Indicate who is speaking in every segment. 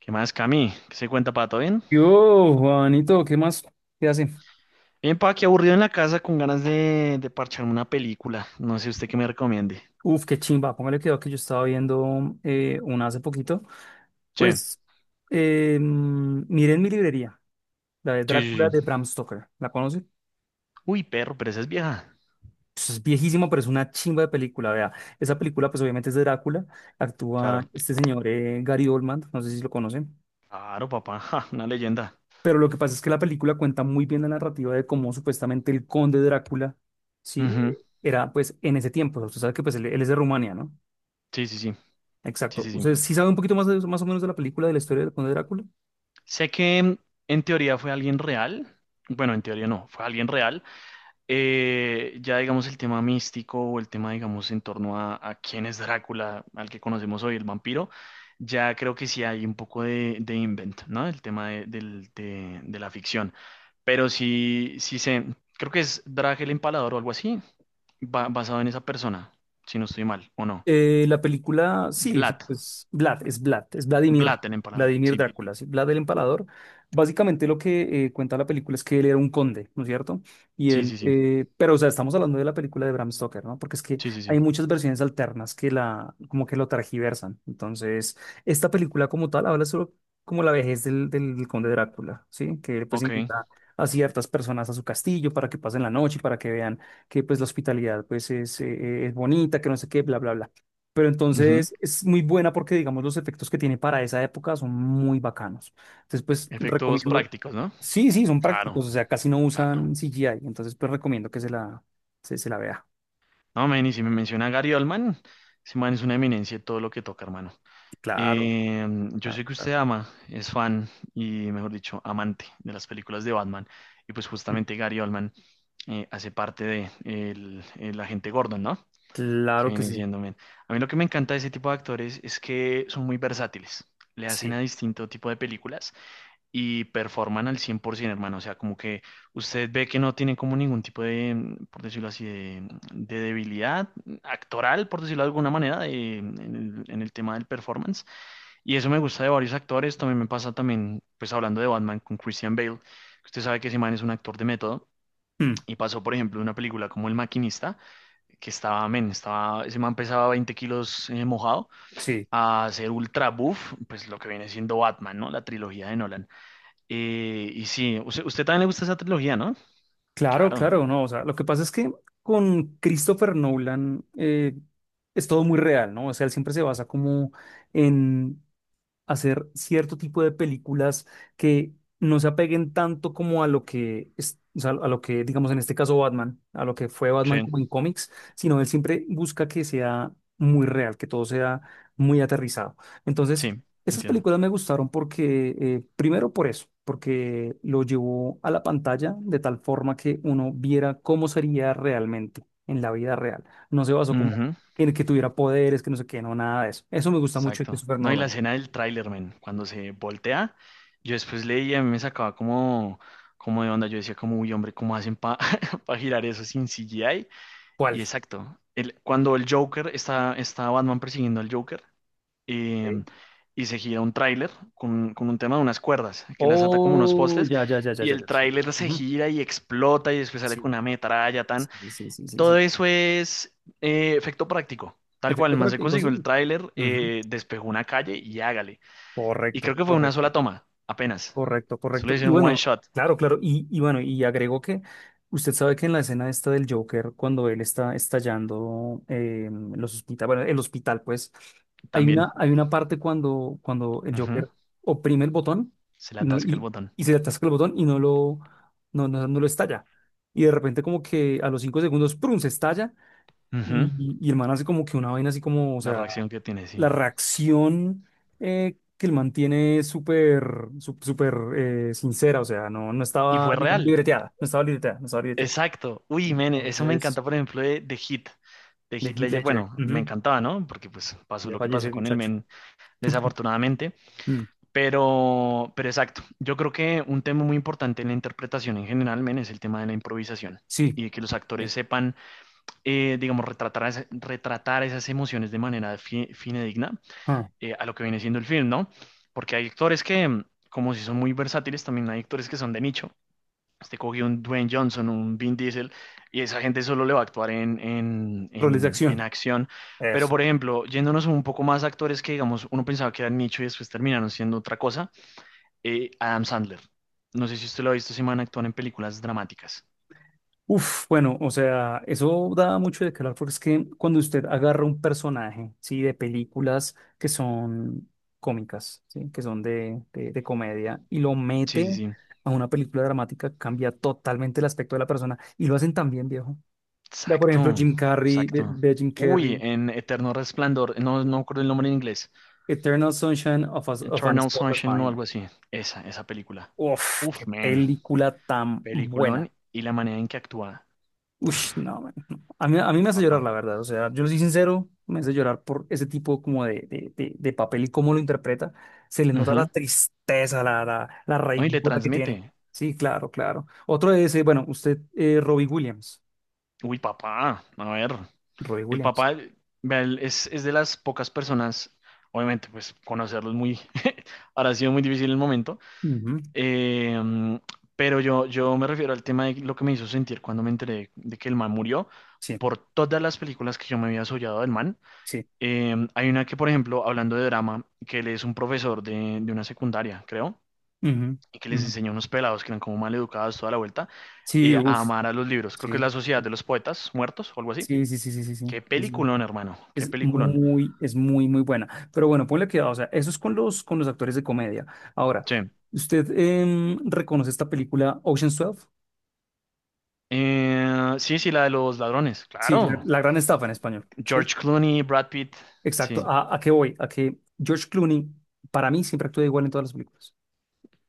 Speaker 1: ¿Qué más, Cami? ¿Qué se cuenta, Pato? ¿Bien?
Speaker 2: Yo, Juanito, ¿qué más? ¿Qué hace?
Speaker 1: Bien, pa, aquí aburrido en la casa con ganas de parcharme una película. No sé usted qué me recomiende.
Speaker 2: Uf, qué chimba. Póngale cuidado que yo estaba viendo una hace poquito.
Speaker 1: Sí,
Speaker 2: Pues, miren mi librería, la de
Speaker 1: sí,
Speaker 2: Drácula
Speaker 1: sí, sí.
Speaker 2: de Bram Stoker. ¿La conoce?
Speaker 1: Uy, perro, pero esa es vieja.
Speaker 2: Pues es viejísima, pero es una chimba de película. Vea, esa película, pues obviamente es de Drácula. Actúa
Speaker 1: Claro,
Speaker 2: este señor Gary Oldman, no sé si lo conocen.
Speaker 1: claro, papá. Ja, una leyenda.
Speaker 2: Pero lo que pasa es que la película cuenta muy bien la narrativa de cómo supuestamente el conde Drácula, sí,
Speaker 1: Ujú.
Speaker 2: era pues en ese tiempo. Usted sabe que pues él es de Rumania, ¿no?
Speaker 1: Sí, sí, sí, sí,
Speaker 2: Exacto.
Speaker 1: sí, sí.
Speaker 2: ¿Usted sí sabe un poquito más, más o menos de la película, de la historia de Conde Drácula?
Speaker 1: Sé que en teoría fue alguien real. Bueno, en teoría no, fue alguien real. Ya digamos el tema místico o el tema digamos en torno a quién es Drácula, al que conocemos hoy, el vampiro, ya creo que sí hay un poco de invent, ¿no? El tema de la ficción. Pero sí, sí sé, creo que es Drag el Empalador o algo así, basado en esa persona, si no estoy mal, ¿o no?
Speaker 2: La película, sí, sí,
Speaker 1: Vlad,
Speaker 2: pues Vlad, es Vladimir,
Speaker 1: Vlad el Empalador,
Speaker 2: Vladimir
Speaker 1: sí,
Speaker 2: Drácula, sí, Vlad el Empalador. Básicamente lo que cuenta la película es que él era un conde, ¿no es cierto? Y
Speaker 1: sí,
Speaker 2: él,
Speaker 1: sí, sí,
Speaker 2: pero o sea, estamos hablando de la película de Bram Stoker, ¿no? Porque es que
Speaker 1: sí, sí, sí,
Speaker 2: hay muchas versiones alternas que la, como que lo tergiversan. Entonces, esta película como tal habla sobre como la vejez del conde Drácula, ¿sí? Que pues
Speaker 1: ok.
Speaker 2: invita a ciertas personas a su castillo para que pasen la noche y para que vean que pues la hospitalidad pues es bonita, que no sé qué, bla, bla, bla. Pero
Speaker 1: Ujú.
Speaker 2: entonces es muy buena porque, digamos, los efectos que tiene para esa época son muy bacanos. Entonces, pues
Speaker 1: Efectos
Speaker 2: recomiendo.
Speaker 1: prácticos, ¿no?
Speaker 2: Sí, sí, son
Speaker 1: Claro,
Speaker 2: prácticos, o sea, casi no
Speaker 1: claro.
Speaker 2: usan CGI. Entonces, pues recomiendo que se la vea.
Speaker 1: No, man, y si me menciona a Gary Oldman, ese man es una eminencia de todo lo que toca, hermano.
Speaker 2: Claro,
Speaker 1: Eh, yo
Speaker 2: claro,
Speaker 1: sé que usted
Speaker 2: claro.
Speaker 1: ama, es fan y, mejor dicho, amante de las películas de Batman. Y pues
Speaker 2: Mm,
Speaker 1: justamente Gary Oldman hace parte de el agente Gordon, ¿no? Que
Speaker 2: claro que
Speaker 1: viene
Speaker 2: sí.
Speaker 1: siendo, man. A mí lo que me encanta de ese tipo de actores es que son muy versátiles. Le hacen
Speaker 2: Sí.
Speaker 1: a distinto tipo de películas y performan al 100%, hermano. O sea, como que usted ve que no tienen como ningún tipo de, por decirlo así, de, de debilidad actoral, por decirlo de alguna manera, en el tema del performance. Y eso me gusta de varios actores. También me pasa también, pues hablando de Batman con Christian Bale, que usted sabe que ese man es un actor de método.
Speaker 2: Mm,
Speaker 1: Y pasó, por ejemplo, de una película como El Maquinista, que estaba, men, estaba, ese man pesaba 20 kilos mojado,
Speaker 2: sí.
Speaker 1: a ser ultra buff, pues lo que viene siendo Batman, ¿no? La trilogía de Nolan. Y sí, usted también le gusta esa trilogía, ¿no?
Speaker 2: Claro,
Speaker 1: Claro,
Speaker 2: claro, no. O sea, lo que pasa es que con Christopher Nolan, es todo muy real, ¿no? O sea, él siempre se basa como en hacer cierto tipo de películas que no se apeguen tanto como a lo que es, o sea, a lo que, digamos, en este caso Batman, a lo que fue Batman
Speaker 1: sí,
Speaker 2: como en cómics, sino él siempre busca que sea muy real, que todo sea muy aterrizado. Entonces,
Speaker 1: sí,
Speaker 2: esas
Speaker 1: entiendo.
Speaker 2: películas me gustaron porque, primero por eso, porque lo llevó a la pantalla de tal forma que uno viera cómo sería realmente en la vida real. No se basó como
Speaker 1: Ujú,
Speaker 2: en que tuviera poderes, que no sé qué, no, nada de eso. Eso me gusta mucho de
Speaker 1: exacto.
Speaker 2: Christopher
Speaker 1: No, y la
Speaker 2: Nolan.
Speaker 1: escena del tráiler, men, cuando se voltea, yo después leía, a mí me sacaba como, como de onda, yo decía como, uy, hombre, ¿cómo hacen para girar eso sin CGI? Y
Speaker 2: ¿Cuál?
Speaker 1: exacto, el, cuando el Joker, está, está Batman persiguiendo al Joker, eh,
Speaker 2: Ok.
Speaker 1: y se gira un tráiler con un tema de unas cuerdas, que las ata como unos
Speaker 2: Oh,
Speaker 1: postes,
Speaker 2: ya, ya, ya, ya,
Speaker 1: y
Speaker 2: ya,
Speaker 1: el
Speaker 2: ya. Sí.
Speaker 1: tráiler se
Speaker 2: Ujú.
Speaker 1: gira y explota y después sale
Speaker 2: Sí,
Speaker 1: con una metralla, tan.
Speaker 2: sí, sí, sí, sí,
Speaker 1: Todo
Speaker 2: sí.
Speaker 1: eso es efecto práctico. Tal cual,
Speaker 2: Efecto
Speaker 1: el man se
Speaker 2: práctico,
Speaker 1: consiguió
Speaker 2: sí.
Speaker 1: el tráiler,
Speaker 2: Ujú.
Speaker 1: despejó una calle y hágale. Y creo
Speaker 2: Correcto,
Speaker 1: que fue una
Speaker 2: correcto.
Speaker 1: sola toma, apenas.
Speaker 2: Correcto,
Speaker 1: Solo
Speaker 2: correcto. Y
Speaker 1: hicieron un one
Speaker 2: bueno,
Speaker 1: shot
Speaker 2: claro, claro. Y bueno, y agregó que usted sabe que en la escena esta del Joker, cuando él está estallando, los hospitales, bueno, el hospital, pues, hay
Speaker 1: también.
Speaker 2: una, hay una parte cuando el
Speaker 1: Ujú.
Speaker 2: Joker oprime el botón
Speaker 1: Se le
Speaker 2: y, no,
Speaker 1: atasca el
Speaker 2: y,
Speaker 1: botón.
Speaker 2: y se le atasca el botón y no lo estalla. Y de repente como que a los 5 segundos, ¡prum!, se estalla
Speaker 1: Ujú.
Speaker 2: y el man hace como que una vaina así, como, o
Speaker 1: La
Speaker 2: sea,
Speaker 1: reacción que tiene,
Speaker 2: la
Speaker 1: sí.
Speaker 2: reacción que él mantiene súper, sincera, o sea, no, no
Speaker 1: Y
Speaker 2: estaba,
Speaker 1: fue
Speaker 2: digamos,
Speaker 1: real.
Speaker 2: libreteada, no estaba libreteada, no estaba libreteada.
Speaker 1: Exacto. Uy, men, eso me
Speaker 2: Entonces,
Speaker 1: encanta, por ejemplo, de Hit. De
Speaker 2: de
Speaker 1: Heath
Speaker 2: Heath
Speaker 1: Ledger.
Speaker 2: Ledger,
Speaker 1: Bueno, me
Speaker 2: ujú.
Speaker 1: encantaba, ¿no? Porque pues pasó
Speaker 2: Ya
Speaker 1: lo que
Speaker 2: falleció
Speaker 1: pasó
Speaker 2: el
Speaker 1: con el
Speaker 2: muchacho.
Speaker 1: men, desafortunadamente.
Speaker 2: Mm,
Speaker 1: Pero exacto, yo creo que un tema muy importante en la interpretación en general, men, es el tema de la improvisación
Speaker 2: sí,
Speaker 1: y de que los actores
Speaker 2: bien.
Speaker 1: sepan, digamos, retratar, retratar esas emociones de manera fidedigna
Speaker 2: Ah,
Speaker 1: a lo que viene siendo el film, ¿no? Porque hay actores que, como si son muy versátiles, también hay actores que son de nicho. Este cogió un Dwayne Johnson, un Vin Diesel, y esa gente solo le va a actuar en,
Speaker 2: roles de
Speaker 1: en
Speaker 2: acción.
Speaker 1: acción. Pero, por ejemplo, yéndonos un poco más a actores que, digamos, uno pensaba que eran nicho y después terminaron siendo otra cosa Adam Sandler. No sé si usted lo ha visto, ese man actúa en películas dramáticas.
Speaker 2: Uf, bueno, o sea, eso da mucho de qué hablar porque es que cuando usted agarra un personaje, ¿sí? De películas que son cómicas, ¿sí? Que son de comedia y lo
Speaker 1: Sí, sí,
Speaker 2: mete
Speaker 1: sí.
Speaker 2: a una película dramática, cambia totalmente el aspecto de la persona y lo hacen tan bien, viejo. Vea, por ejemplo,
Speaker 1: Exacto,
Speaker 2: Jim Carrey, ve,
Speaker 1: exacto.
Speaker 2: ve Jim
Speaker 1: Uy,
Speaker 2: Carrey,
Speaker 1: en Eterno Resplandor, no, no me acuerdo el nombre en inglés.
Speaker 2: Eternal Sunshine of a
Speaker 1: Eternal
Speaker 2: Spotless
Speaker 1: Sunshine o
Speaker 2: Mind.
Speaker 1: algo así. Esa película.
Speaker 2: Uf,
Speaker 1: Uf,
Speaker 2: qué
Speaker 1: man.
Speaker 2: película tan buena.
Speaker 1: Peliculón y la manera en que actúa.
Speaker 2: Ush,
Speaker 1: Uf,
Speaker 2: no, man, no. A mí me hace llorar,
Speaker 1: papá.
Speaker 2: la verdad. O sea, yo lo soy sincero, me hace llorar por ese tipo como de papel y cómo lo interpreta. Se le nota la
Speaker 1: Ujú.
Speaker 2: tristeza, la
Speaker 1: No, y le
Speaker 2: raigura que tiene.
Speaker 1: transmite.
Speaker 2: Sí, claro, claro. Otro es, bueno, usted, Robbie Williams.
Speaker 1: Uy, papá. A ver.
Speaker 2: Robbie
Speaker 1: El
Speaker 2: Williams.
Speaker 1: papá vea, él es de las pocas personas, obviamente, pues conocerlo es muy. Ahora ha sido muy difícil el momento.
Speaker 2: Ujú.
Speaker 1: Eh, mm, pero yo me refiero al tema de lo que me hizo sentir cuando me enteré de que el man murió.
Speaker 2: Sí,
Speaker 1: Por todas las películas que yo me había soñado del man.
Speaker 2: sí.
Speaker 1: Hay una que, por ejemplo, hablando de drama, que él es un profesor de una secundaria, creo,
Speaker 2: Ujú,
Speaker 1: y que les
Speaker 2: ujú.
Speaker 1: enseña a unos pelados que eran como mal educados toda la vuelta
Speaker 2: Sí,
Speaker 1: a
Speaker 2: uff,
Speaker 1: amar a los libros. Creo que es
Speaker 2: sí.
Speaker 1: la Sociedad de los Poetas Muertos o algo así.
Speaker 2: Sí, sí, sí, sí, sí, sí.
Speaker 1: Qué
Speaker 2: Sí, sí.
Speaker 1: peliculón, hermano, qué
Speaker 2: Es
Speaker 1: peliculón.
Speaker 2: muy, muy buena. Pero bueno, ponle cuidado, o sea, eso es con los, actores de comedia. Ahora,
Speaker 1: Sí.
Speaker 2: ¿usted reconoce esta película Ocean's 12?
Speaker 1: Sí, sí, la de los ladrones,
Speaker 2: Sí, la,
Speaker 1: claro.
Speaker 2: la gran estafa en español. Sí,
Speaker 1: George Clooney, Brad Pitt,
Speaker 2: exacto.
Speaker 1: sí.
Speaker 2: ¿A qué voy? A que George Clooney, para mí, siempre actúa igual en todas las películas.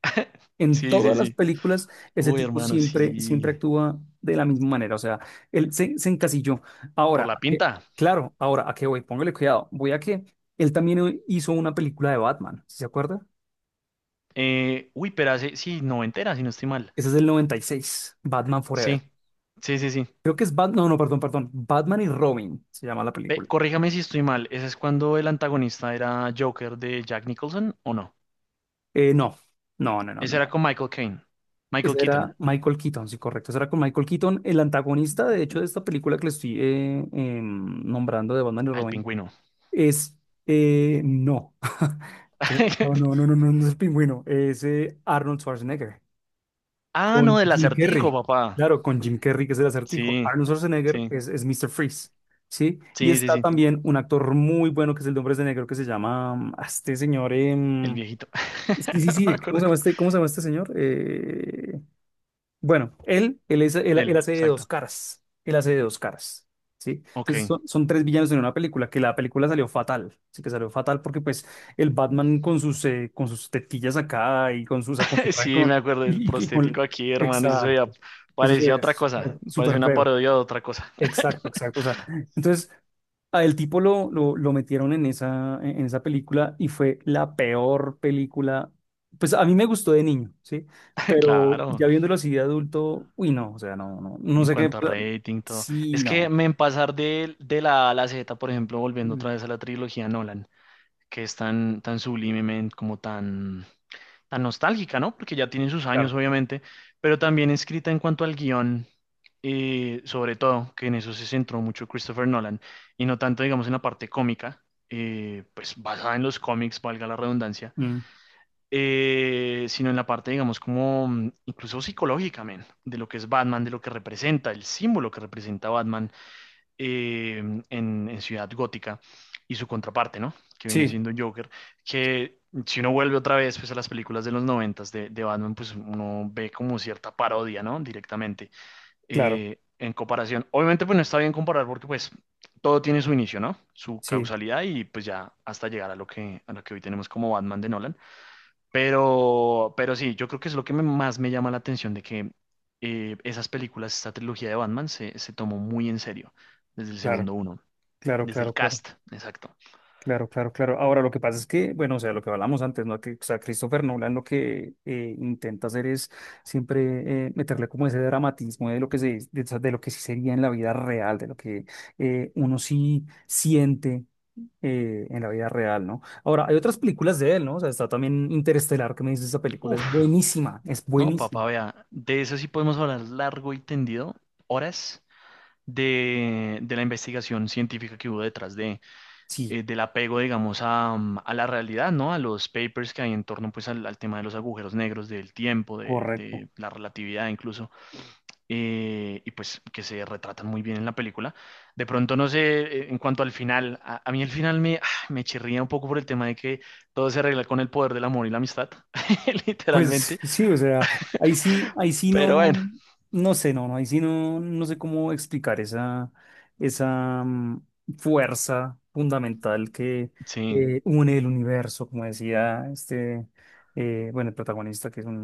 Speaker 2: En
Speaker 1: Sí, sí,
Speaker 2: todas las
Speaker 1: sí.
Speaker 2: películas, ese
Speaker 1: Uy,
Speaker 2: tipo
Speaker 1: hermano,
Speaker 2: siempre, siempre
Speaker 1: sí.
Speaker 2: actúa de la misma manera. O sea, él se encasilló. Ahora,
Speaker 1: Por la pinta.
Speaker 2: claro, ahora, ¿a qué voy? Póngale cuidado. Voy a que él también hizo una película de Batman, ¿sí?, ¿se acuerda?
Speaker 1: Uy, pero hace, sí, noventera, si no estoy mal.
Speaker 2: Ese es del 96, Batman Forever.
Speaker 1: Sí, sí, sí, sí.
Speaker 2: Creo que es Batman, no, no, perdón, perdón. Batman y Robin se llama la
Speaker 1: Ve,
Speaker 2: película.
Speaker 1: corríjame si estoy mal. ¿Ese es cuando el antagonista era Joker de Jack Nicholson o no?
Speaker 2: No, no, no, no, no,
Speaker 1: Ese era
Speaker 2: no.
Speaker 1: con Michael Caine. Michael
Speaker 2: Ese
Speaker 1: Keaton.
Speaker 2: era Michael Keaton, sí, correcto. Ese era con Michael Keaton, el antagonista, de hecho, de esta película que le estoy nombrando de Batman y
Speaker 1: Ah, el
Speaker 2: Robin.
Speaker 1: pingüino.
Speaker 2: Es, no. No, no, no, no, no, no es el pingüino, es Arnold Schwarzenegger.
Speaker 1: Ah, no,
Speaker 2: Con
Speaker 1: del
Speaker 2: Jim
Speaker 1: acertijo,
Speaker 2: Carrey,
Speaker 1: papá.
Speaker 2: claro, con Jim Carrey, que es el acertijo.
Speaker 1: Sí,
Speaker 2: Arnold Schwarzenegger
Speaker 1: sí,
Speaker 2: es Mr. Freeze, ¿sí? Y
Speaker 1: sí, sí,
Speaker 2: está
Speaker 1: sí.
Speaker 2: también un actor muy bueno que es el de Hombres de Negro, que se llama, este señor,
Speaker 1: El viejito.
Speaker 2: sí, sí,
Speaker 1: No me
Speaker 2: sí, ¿cómo
Speaker 1: acuerdo.
Speaker 2: se llama este, señor? Bueno, él
Speaker 1: Él,
Speaker 2: hace de dos
Speaker 1: exacto.
Speaker 2: caras. Él hace de dos caras. ¿Sí? Entonces
Speaker 1: Ok.
Speaker 2: son tres villanos en una película, que la película salió fatal. Sí que salió fatal porque pues el Batman con sus tetillas acá y con sus, o sea, con su traje
Speaker 1: Sí, me
Speaker 2: con...
Speaker 1: acuerdo del prostético
Speaker 2: con...
Speaker 1: aquí, hermano, y eso se veía
Speaker 2: Exacto. Eso sí
Speaker 1: parecía otra
Speaker 2: es súper
Speaker 1: cosa, parecía
Speaker 2: súper
Speaker 1: una
Speaker 2: feo.
Speaker 1: parodia de otra cosa.
Speaker 2: Exacto, exacto. O sea, entonces, a el tipo lo metieron en esa película y fue la peor película. Pues a mí me gustó de niño, ¿sí? Pero
Speaker 1: Claro,
Speaker 2: ya viéndolo así de adulto, uy, no, o sea, no, no, no
Speaker 1: en
Speaker 2: sé qué.
Speaker 1: cuanto a rating, todo.
Speaker 2: Sí,
Speaker 1: Es que
Speaker 2: no.
Speaker 1: me en pasar de la A a la Z, por ejemplo, volviendo
Speaker 2: Mm,
Speaker 1: otra vez a la trilogía Nolan, que es tan, tan sublimemente, como tan, tan nostálgica, ¿no? Porque ya tiene sus
Speaker 2: claro.
Speaker 1: años, obviamente, pero también escrita en cuanto al guión, sobre todo, que en eso se centró mucho Christopher Nolan, y no tanto, digamos, en la parte cómica, pues basada en los cómics, valga la redundancia
Speaker 2: Mm,
Speaker 1: sino en la parte, digamos, como incluso psicológica, men, de lo que es Batman, de lo que representa, el símbolo que representa Batman eh, en Ciudad Gótica y su contraparte, ¿no? Que viene
Speaker 2: sí,
Speaker 1: siendo Joker, que si uno vuelve otra vez pues, a las películas de los noventas de Batman, pues uno ve como cierta parodia, ¿no? Directamente
Speaker 2: claro,
Speaker 1: en comparación. Obviamente, pues no está bien comparar porque pues todo tiene su inicio, ¿no? Su
Speaker 2: sí,
Speaker 1: causalidad y pues ya hasta llegar a lo que hoy tenemos como Batman de Nolan. Pero sí, yo creo que es lo que más me llama la atención de que esas películas, esta trilogía de Batman se tomó muy en serio desde el
Speaker 2: claro,
Speaker 1: segundo uno,
Speaker 2: claro,
Speaker 1: desde el
Speaker 2: claro, claro.
Speaker 1: cast, exacto.
Speaker 2: Claro, claro, claro. Ahora, lo que pasa es que, bueno, o sea, lo que hablamos antes, ¿no? Que, o sea, Christopher Nolan lo que intenta hacer es siempre, meterle como ese dramatismo de lo que se, de lo que sí sería en la vida real, de lo que, uno sí siente, en la vida real, ¿no? Ahora, hay otras películas de él, ¿no? O sea, está también Interestelar, que me dices, esa película
Speaker 1: Uf,
Speaker 2: es buenísima, es
Speaker 1: no,
Speaker 2: buenísima.
Speaker 1: papá, vea, de eso sí podemos hablar largo y tendido, horas de la investigación científica que hubo detrás de
Speaker 2: Sí,
Speaker 1: del apego, digamos, a, a la realidad, ¿no? A los papers que hay en torno, pues, al, al tema de los agujeros negros, del tiempo,
Speaker 2: correcto.
Speaker 1: de la relatividad incluso, y pues que se retratan muy bien en la película. De pronto, no sé, en cuanto al final, a mí el final me, ah, me chirría un poco por el tema de que todo se arregla con el poder del amor y la amistad,
Speaker 2: Pues
Speaker 1: literalmente,
Speaker 2: sí, o sea, ahí sí
Speaker 1: pero bueno,
Speaker 2: no, no sé, no, no, ahí sí no, no sé cómo explicar esa fuerza fundamental que,
Speaker 1: sí,
Speaker 2: une el universo, como decía este, bueno, el protagonista, que es un,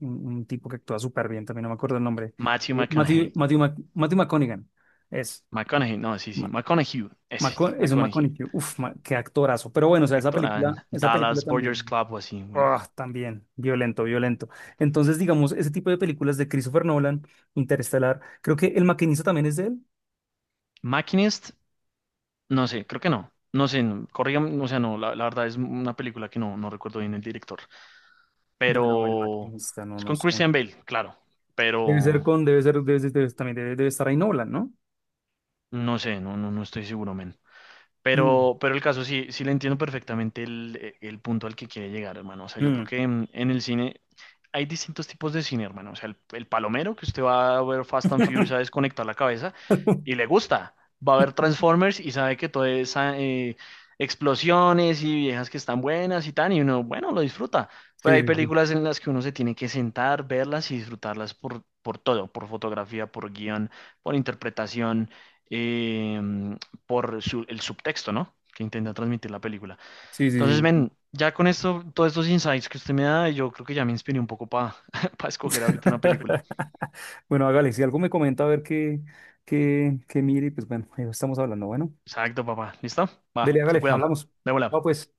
Speaker 2: un- un tipo que actúa súper bien, también no me acuerdo el nombre,
Speaker 1: Matthew
Speaker 2: eh,
Speaker 1: McConaughey.
Speaker 2: Matthew, Matthew, Mc- Matthew McConaughey, es,
Speaker 1: McConaughey, no, sí, sí,
Speaker 2: Ma-
Speaker 1: McConaughey, ese,
Speaker 2: Eso, es un
Speaker 1: McConaughey,
Speaker 2: McConaughey, uff, qué actorazo, pero bueno, o sea, esa
Speaker 1: actor en
Speaker 2: película, esa película
Speaker 1: Dallas Buyers
Speaker 2: también.
Speaker 1: Club o así, bueno.
Speaker 2: Ah, también, violento, violento. Entonces, digamos, ese tipo de películas de Christopher Nolan, Interestelar, creo que El Maquinista también es de él.
Speaker 1: Machinist. No sé, creo que no. No sé, no, corrígame, o sea, no, la verdad es una película que no, no recuerdo bien el director.
Speaker 2: Bueno, El
Speaker 1: Pero
Speaker 2: Maquinista, no,
Speaker 1: es
Speaker 2: no
Speaker 1: con
Speaker 2: sé.
Speaker 1: Christian Bale, claro.
Speaker 2: Debe ser
Speaker 1: Pero
Speaker 2: con, debe ser, Debe estar ahí Nolan, ¿no?
Speaker 1: no sé, no, no, no estoy seguro, men.
Speaker 2: Mm,
Speaker 1: Pero el caso sí, sí le entiendo perfectamente el punto al que quiere llegar, hermano. O sea, yo creo
Speaker 2: mm.
Speaker 1: que en el cine hay distintos tipos de cine, hermano. O sea, el palomero, que usted va a ver Fast and Furious a desconectar la cabeza y le gusta. Va a ver Transformers y sabe que todo es explosiones y viejas que están buenas y tan, y uno, bueno, lo disfruta.
Speaker 2: Sí,
Speaker 1: Pero hay
Speaker 2: sí,
Speaker 1: películas en las que uno se tiene que sentar, verlas y disfrutarlas por todo, por fotografía, por guión, por interpretación. Eh, por el subtexto, ¿no? Que intenta transmitir la película.
Speaker 2: sí,
Speaker 1: Entonces,
Speaker 2: sí, sí.
Speaker 1: ven, ya con esto, todos estos insights que usted me da, yo creo que ya me inspiré un poco para
Speaker 2: Sí.
Speaker 1: escoger
Speaker 2: Sí.
Speaker 1: ahorita una película.
Speaker 2: Bueno, hágale, si algo me comenta, a ver qué mire, y pues bueno, ahí estamos hablando. Bueno,
Speaker 1: Exacto, papá. ¿Listo?
Speaker 2: dele,
Speaker 1: Va, se
Speaker 2: hágale,
Speaker 1: cuidan.
Speaker 2: hablamos.
Speaker 1: De
Speaker 2: No,
Speaker 1: bola.
Speaker 2: pues.